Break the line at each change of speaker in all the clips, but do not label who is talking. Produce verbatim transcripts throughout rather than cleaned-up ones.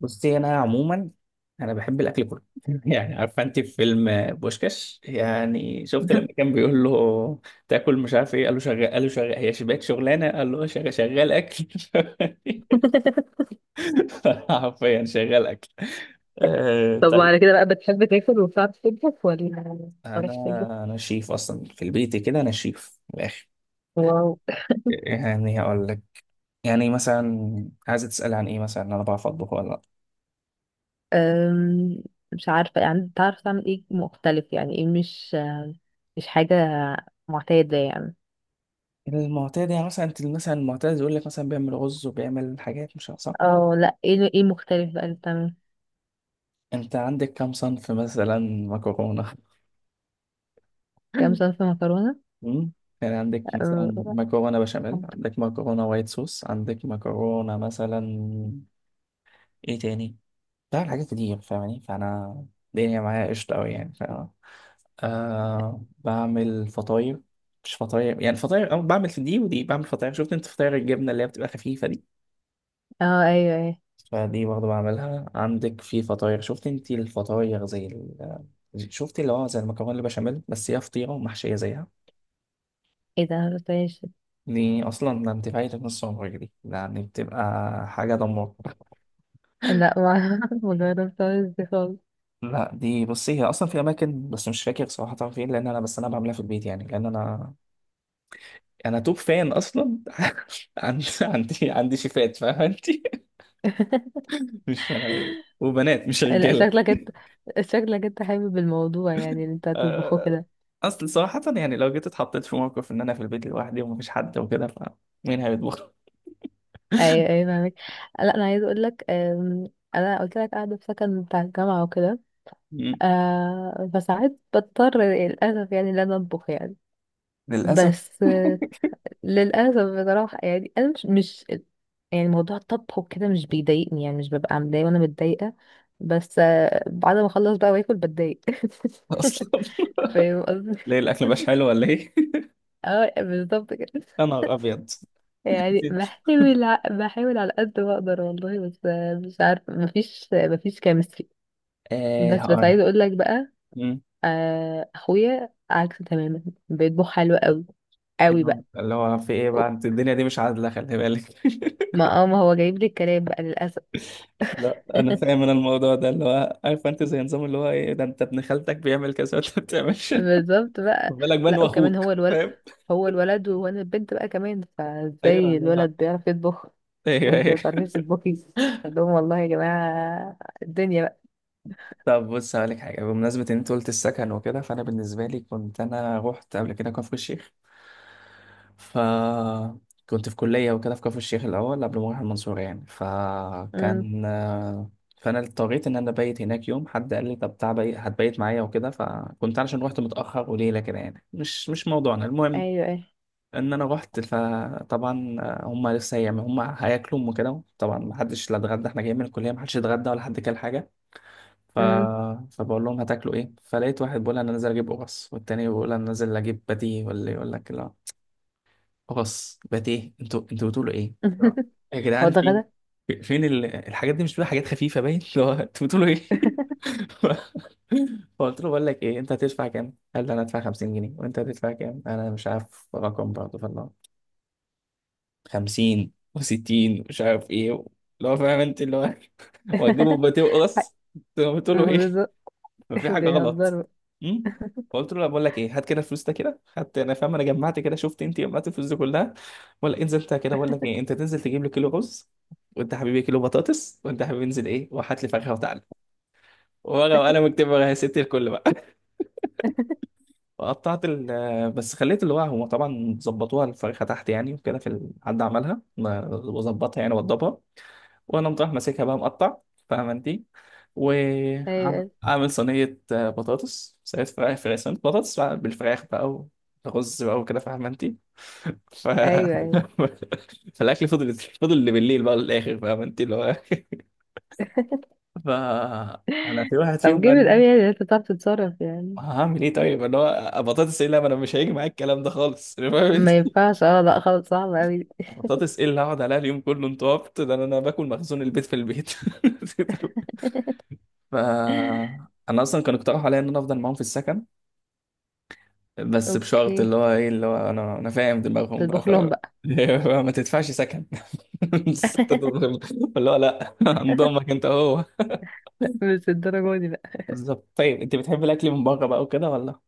بصي انا عموما انا بحب الاكل كله يعني عارفه انت في فيلم بوشكاش يعني شفت لما كان بيقول له تاكل مش عارف ايه قال له شغال قال له شغال هي شباك شغلانه قال له شغال شغال اكل حرفيا شغال اكل. آه
طب،
طيب،
وعلى كده بقى بتحب تاكل وبتعرف تطبخ ولا ما
انا
بتعرفش تطبخ؟
انا شيف اصلا في البيت كده، انا شيف من الاخر.
واو.
يعني هقول لك، يعني مثلا عايزه تسال عن ايه، مثلا انا بعرف اطبخ ولا لا؟
أم، مش عارفة، يعني تعرف تعمل ايه مختلف؟ يعني ايه؟ مش مش حاجة معتادة يعني.
المعتاد يعني مثلا، انت مثلا المعتاد يقول لك مثلا بيعمل رز وبيعمل حاجات مش عارف صح.
اه لا، ايه ايه مختلف بقى اللي بتعمل؟
انت عندك كم صنف مثلا؟ مكرونة
كام صنف مكرونة؟
مم؟ يعني عندك مثلا
اه.
مكرونة بشاميل، عندك مكرونة وايت صوص، عندك مكرونة مثلا، ايه تاني. بعمل حاجات كتير فاهماني، فانا الدنيا معايا قشطة اوي يعني، فاهمة. آه، بعمل فطاير، مش فطاير يعني فطاير أو بعمل دي ودي، بعمل فطاير. شفت انت فطاير الجبنة اللي هي بتبقى خفيفة دي؟
آه، ايوه ايوه.
فدي برضه بعملها. عندك في فطاير، شفت انت الفطاير زي ال... شفت اللي هو زي المكرونة البشاميل بس هي فطيرة ومحشية زيها.
ايه ده، مجربتهاش؟
دي اصلا ده انت فايتك نص عمرك، دي ده يعني بتبقى حاجه دمار.
لا، ما مجربتهاش دي خالص.
لا دي بصي هي اصلا في اماكن بس مش فاكر صراحه فين، لان انا بس انا بعملها في البيت يعني، لان انا انا توب فان اصلا عندي عندي عندي شيفات فاهمه انت مش أنا وبنات مش
لا،
رجاله.
شكلك انت شكلك انت حابب الموضوع، يعني اللي انت هتطبخه
آه،
كده.
اصل صراحه يعني لو جيت اتحطيت في موقف ان انا في البيت لوحدي ومفيش حد وكده، فمين هيطبخ؟
ايوه ايوه فاهمك. لا انا عايزه اقول لك، أم، انا قلت لك قاعده في سكن بتاع الجامعه وكده.
مم.
أه، فساعات بضطر للاسف يعني ان انا اطبخ يعني.
للاسف
بس أه، للاسف بصراحه، يعني انا مش، مش يعني موضوع الطبخ وكده مش بيضايقني، يعني مش ببقى متضايقه وانا متضايقه. بس أه، بعد ما اخلص بقى واكل بتضايق.
اصلا.
فاهم قصدي؟
ليه، الاكل مش حلو ولا ايه؟
اه بالظبط كده.
انا ابيض.
يعني بحاول ع- بحاول على قد ما اقدر والله. بس أه، مش عارفه، مفيش مفيش كيمستري.
آه
بس بس
هقول
عايزه اقول لك بقى،
لك،
آه، اخويا عكس تماما. بيطبخ حلو قوي.
اللي
قوي
هو
بقى.
اللي هو في ايه بقى، انت الدنيا دي مش عادلة، خلي بالك
ما اه ما هو جايب لي الكلام بقى للاسف.
لا انا فاهم، انا الموضوع ده اللي هو، عارف انت زي نظام اللي هو ايه، ده انت ابن خالتك بيعمل كذا وانت ما بتعملش
بالظبط بقى.
خد بالك بقى إن
لا
هو
وكمان
اخوك،
هو الولد.
فاهم.
هو الولد وانا البنت بقى كمان،
ايوه،
فازاي الولد بيعرف يطبخ
ايوه
وانت ما
ايوه.
بتعرفيش تطبخي؟ قلت لهم والله يا جماعه الدنيا بقى.
طب بص هقولك حاجة، بمناسبة إن أنت قلت السكن وكده، فأنا بالنسبة لي كنت أنا روحت قبل كده كفر الشيخ، فكنت في كلية وكده في كفر الشيخ الأول قبل ما أروح المنصورة يعني،
امم.
فكان، فأنا اضطريت إن أنا أبيت هناك يوم، حد قال لي طب تعال بي- هتبيت معايا وكده، فكنت علشان روحت متأخر وليلة كده يعني، مش مش موضوعنا المهم.
ايوه ايه.
إن أنا روحت فطبعا هما لسه هيعملوا، هما هياكلوا وكده طبعا، محدش لا اتغدى، إحنا جايين من الكلية، محدش اتغدى ولا حد كل حاجة. ف...
امم.
فبقول لهم هتاكلوا ايه، فلقيت واحد بيقول انا نازل اجيب قرص، والتاني بيقول انا نازل اجيب باتيه. ولا يقول لك لا، قرص باتيه، انتوا انتوا بتقولوا ايه؟ لا. يا
هو
جدعان،
ده
في
غدا؟
في- فين ال... الحاجات دي، مش بتقول حاجات خفيفه باين اللي هو انتوا بتقولوا ايه فقلت له بقول لك ايه، انت هتدفع كام؟ قال لي انا هدفع خمسين جنيه، وانت هتدفع كام؟ انا مش عارف رقم برضه، فالله خمسين و60، مش عارف ايه، اللي هو فاهم انت اللي هو وهتجيبوا باتيه وقرص، انتوا بتقولوا ايه.
بالظبط.
ففي حاجه غلط.
بيهزروا.
امم، فقلت له لا، بقول لك ايه، هات كده الفلوس، ده كده خدت انا فاهم انا، جمعت كده، شفت انت جمعت الفلوس دي كلها، ولا انزل انت كده، بقول لك ايه، انت تنزل تجيب لي كيلو رز، وانت يا حبيبي كيلو بطاطس، وانت يا حبيبي انزل ايه وهات لي فاكهه، وتعالى ورقه وقلم اكتب، ورقه يا ستي الكل بقى وقطعت ال، بس خليت اللي هو، هو طبعا ظبطوها الفرخه تحت يعني وكده، في ال- حد عملها ما- وظبطها يعني وضبها، وانا مطرح ماسكها بقى مقطع، فاهمه انت.
ايوه ايوه.
وعامل صينيه آه، بطاطس، صينيه فراخ، فراخ صينيه، بطاطس بقى بالفراخ بقى، ورز بقى وكده، فاهمه انت. ف...
ايوه أيوة.
فالاكل فضل فضل اللي بالليل بقى للاخر، فاهمه انت، اللي هو ف، انا في واحد
طب
فيهم قال
جامد
لي
قوي، يعني انت بتعرف تتصرف يعني.
هعمل ايه طيب، اللي هو بطاطس ايه، لا ما انا مش هيجي معايا الكلام ده خالص فاهم انت؟
ما ينفعش، اه لا خلاص صعب قوي.
بطاطس ايه اللي هقعد عليها اليوم كله، انت عبط، ده انا أنا باكل مخزون البيت في البيت ف انا اصلا كانوا اقترحوا عليا ان انا افضل معاهم في السكن، بس بشرط
اوكي،
اللي هو ايه، اللي هو انا انا فاهم دماغهم بقى،
تطبخ
ف
لهم بقى.
ما تدفعش سكن بس أنت تظلم. اللي هو لا انضمك انت هو.
مش الدرجة دي بقى.
بالظبط. طيب انت بتحب الاكل من بره بقى وكده ولا؟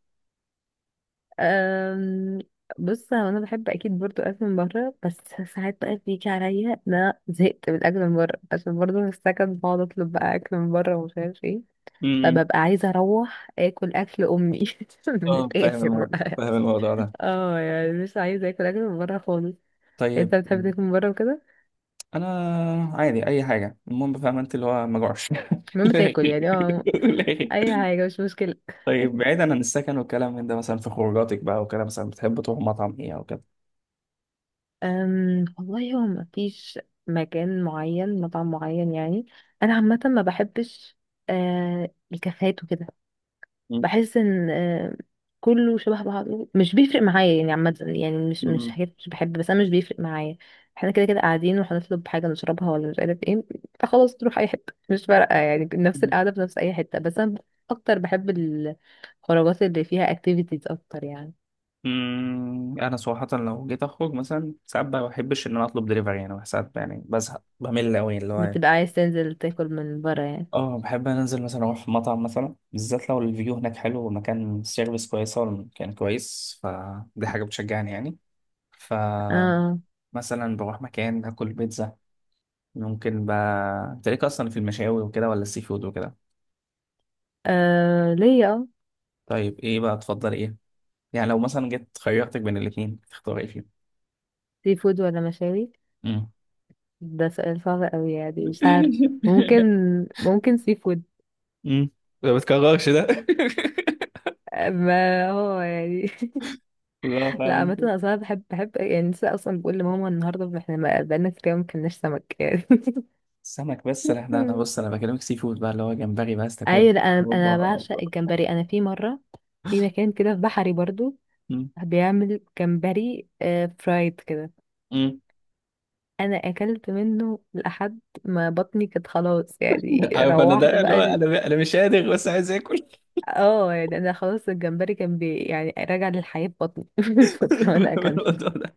أم... بص، هو انا بحب اكيد برضو اكل من بره، بس ساعات بقى بيجي عليا ان انا زهقت من الاكل من بره عشان برضو في السكن بقعد اطلب بقى اكل من بره ومش عارف ايه.
امم،
فببقى عايزه اروح اكل اكل امي. من
اه فاهم
الاخر
الموضوع،
بقى.
فاهم الموضوع ده.
اه يعني مش عايزه اكل اكل من بره خالص.
طيب
انت بتحب تاكل من بره وكده؟
انا عادي اي حاجه، المهم فاهم انت اللي هو ما جوعش
المهم
لا.
تاكل يعني اه
لا.
اي حاجه مش مشكله.
طيب بعيدا عن السكن والكلام من ده، مثلا في خروجاتك بقى وكده، مثلا بتحب تروح مطعم ايه او كده؟
أم والله، هو ما فيش مكان معين، مطعم معين يعني. انا عامه ما بحبش أه الكافيهات وكده. بحس ان أه كله شبه بعضه، مش بيفرق معايا يعني. عامه يعني، مش، مش
مم.
حاجات مش بحب، بس انا مش بيفرق معايا. احنا كده كده قاعدين وهنطلب حاجه نشربها ولا مش عارف ايه. فخلاص تروح اي حته مش فارقه، يعني نفس القعده في نفس اي حته. بس انا اكتر بحب الخروجات اللي فيها اكتيفيتيز اكتر يعني.
مم. انا صراحه لو جيت اخرج مثلا، ساعات ما بحبش ان انا اطلب دليفري يعني، ساعات يعني بزهق بمل قوي اللي هو يعني.
بتبقى عايز تنزل تاكل من بره يعني؟
اه بحب أنا انزل مثلا اروح مطعم، مثلا بالذات لو الفيو هناك حلو، والمكان السيرفيس كويسه والمكان كويس، فدي حاجه بتشجعني يعني، فمثلا
اه.
بروح مكان اكل بيتزا. ممكن بقى تلاقيك اصلا في المشاوي وكده، ولا السي فود وكده؟
آه، ليا اه
طيب ايه بقى تفضل، ايه يعني لو مثلا جيت خيرتك بين الاتنين تختار ايه فيهم؟
سي فود ولا مشاوي؟
مم.
ده سؤال صعب قوي يعني، مش عارف. ممكن، ممكن سي فود.
امم، ما بتكررش ده
آه، ما هو يعني.
لا فاهم
لا، عامة
انت،
أنا أصلا بحب، بحب يعني لسه أصلا بقول لماما النهاردة احنا ما- بقالنا كتير أوي ما كلناش سمك يعني.
السمك، بس لا لا انا بص، انا بكلمك سي فود بقى، اللي هو جمبري بس تاكل.
أيوة، لا أنا، أنا
اوبا.
بعشق الجمبري. أنا في مرة، في مكان كده في بحري برضو،
أمم،
بيعمل جمبري آه، فرايد كده.
أمم.
انا اكلت منه لحد ما بطني كانت خلاص يعني،
عارف انا،
روحت
ده اللي هو،
بقى.
انا انا مش قادر بس عايز اكل
اه يعني انا خلاص الجمبري كان بي، يعني راجع للحياة في بطني من فترة وانا اكلته.
الموضوع ده.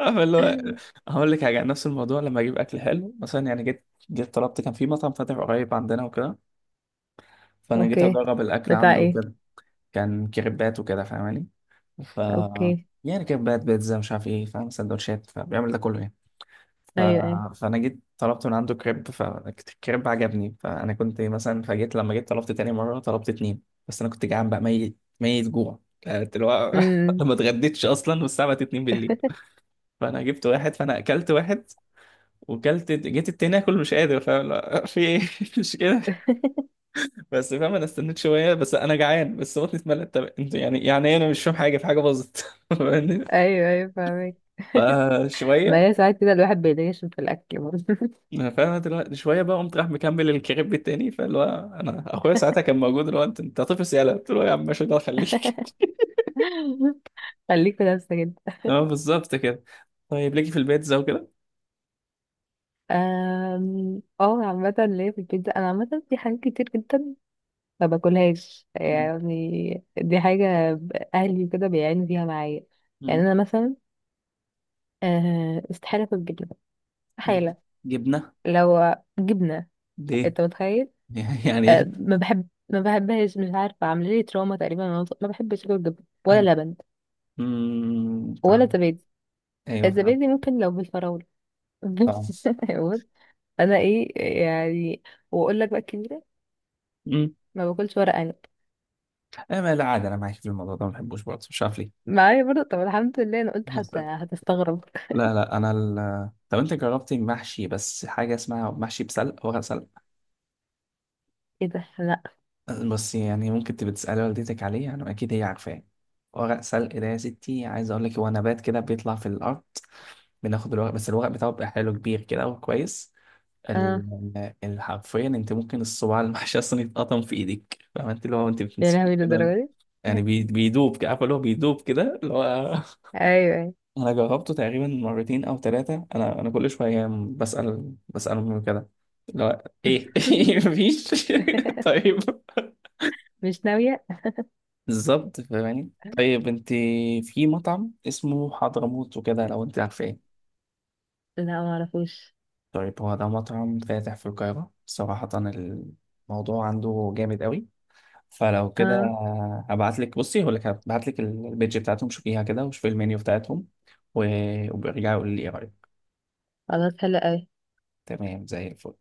عارف اللي هو، هقول لك حاجه عن نفس الموضوع، لما اجيب اكل حلو مثلا يعني، جيت جيت طلبت، كان في مطعم فاتح قريب عندنا وكده، فانا جيت
اوكي.
اجرب الاكل
بتاع
عنده
ايه؟
وكده. كان كريبات وكده، فاهماني، ف،
اوكي.
يعني كريبات، بيتزا، مش عارف ايه، فاهم، سندوتشات، فبيعمل ده كله يعني. ف...
ايوه ايوه.
فانا جيت طلبت من عنده كريب، فالكريب عجبني، فانا كنت مثلا، فجيت لما جيت طلبت تاني مره طلبت اتنين، بس انا كنت جعان بقى، ميت ميت جوع كانت اللي هو
امم.
ما اتغديتش اصلا، والساعه بقت 2 بالليل فانا جبت واحد، فانا اكلت واحد وكلت، جيت التاني اكل مش قادر، فاهم، لا، في ايه مش كده بس، فاهم. انا استنيت شويه، بس انا جعان، بس بطني اتملت، طب انت يعني يعني إيه، انا مش فاهم حاجه، في حاجه باظت فاهمني؟
ايوه ايوه فاهمك. ما
فشويه،
هي ساعات كده الواحد بيتغشم في الاكل برضه.
انا فاهم دلوقتي، شويه بقى قمت راح مكمل الكريب التاني، فاللي هو انا اخويا ساعتها كان موجود اللي هو، انت انت طفل سياله، قلت له يا عم ماشي ده خليك
خليك في نفسك انت.
اه بالظبط كده. طيب ليكي في البيتزا وكده؟
أم، اه عامة ليا في البيتزا، انا عامة في حاجات كتير جدا ما باكلهاش
مم.
يعني، دي حاجة اهلي كده بيعانوا فيها معايا. يعني
مم.
انا مثلا، أه، استحالة اكل جبنة.
جب-
استحالة.
جبنه؟
لو جبنة،
ليه؟
انت متخيل؟
يعني
أه
ايه؟
ما بحب ما بحبهاش، مش عارفة، عاملة لي تروما تقريبا وأنا صغيرة. ما بحبش اكل جبنة،
انا
ولا لبن،
مم،
ولا
فاهم.
زبادي.
ايوه فاهم،
الزبادي ممكن لو بالفراولة. بس
فاهم.
بص، انا ايه، يعني، واقول لك بقى كبيرة،
مم.
ما باكلش ورق عنب.
انا ما، لا عادي، انا معاك في الموضوع ده، ما بحبوش برضه مش عارف ليه.
معايا برضه؟ طب الحمد لله، انا قلت
بس
حتى هتستغرب.
لا لا انا ال... طب انت جربتي محشي، بس حاجه اسمها محشي بسلق، ورق سلق،
ايه ده؟ لا.
بس يعني ممكن تبقى تسألي والدتك عليه يعني، أكيد هي عارفاه. ورق سلق ده، يا ستي عايز أقول لك، هو نبات كده بيطلع في الأرض، بناخد الورق بس، الورق بتاعه بيبقى حلو، كبير كده وكويس،
اه
ال- ال- حرفيا أنت ممكن الصباع المحشي أصلا يتقطم في إيدك، فاهمة أنت اللي هو، أنت
يا
بتمسكيه
لهوي
كده،
للدرجة دي.
يعني بي- بيدوب كده، عارفة اللي هو بيدوب كده اللي هو
ايوه أيوة.
أنا جربته تقريبا مرتين أو ثلاثة، أنا أنا كل شوية بسأل بسأل أمي كده، اللي هو إيه مفيش طيب،
مش ناوية.
بالظبط فاهماني. طيب انت، في مطعم اسمه حضرموت وكده، لو انت عارفاه؟
لا ما اعرفوش.
طيب هو ده مطعم فاتح في القاهرة، صراحة الموضوع عنده جامد قوي، فلو كده،
اه
هبعت لك، بصي هقول لك، هبعت لك البيج بتاعتهم، شوفيها كده وشوفي المنيو بتاعتهم، و- وبرجعي قولي لي ايه رأيك.
خلاص، حلو قوي.
تمام، زي الفل.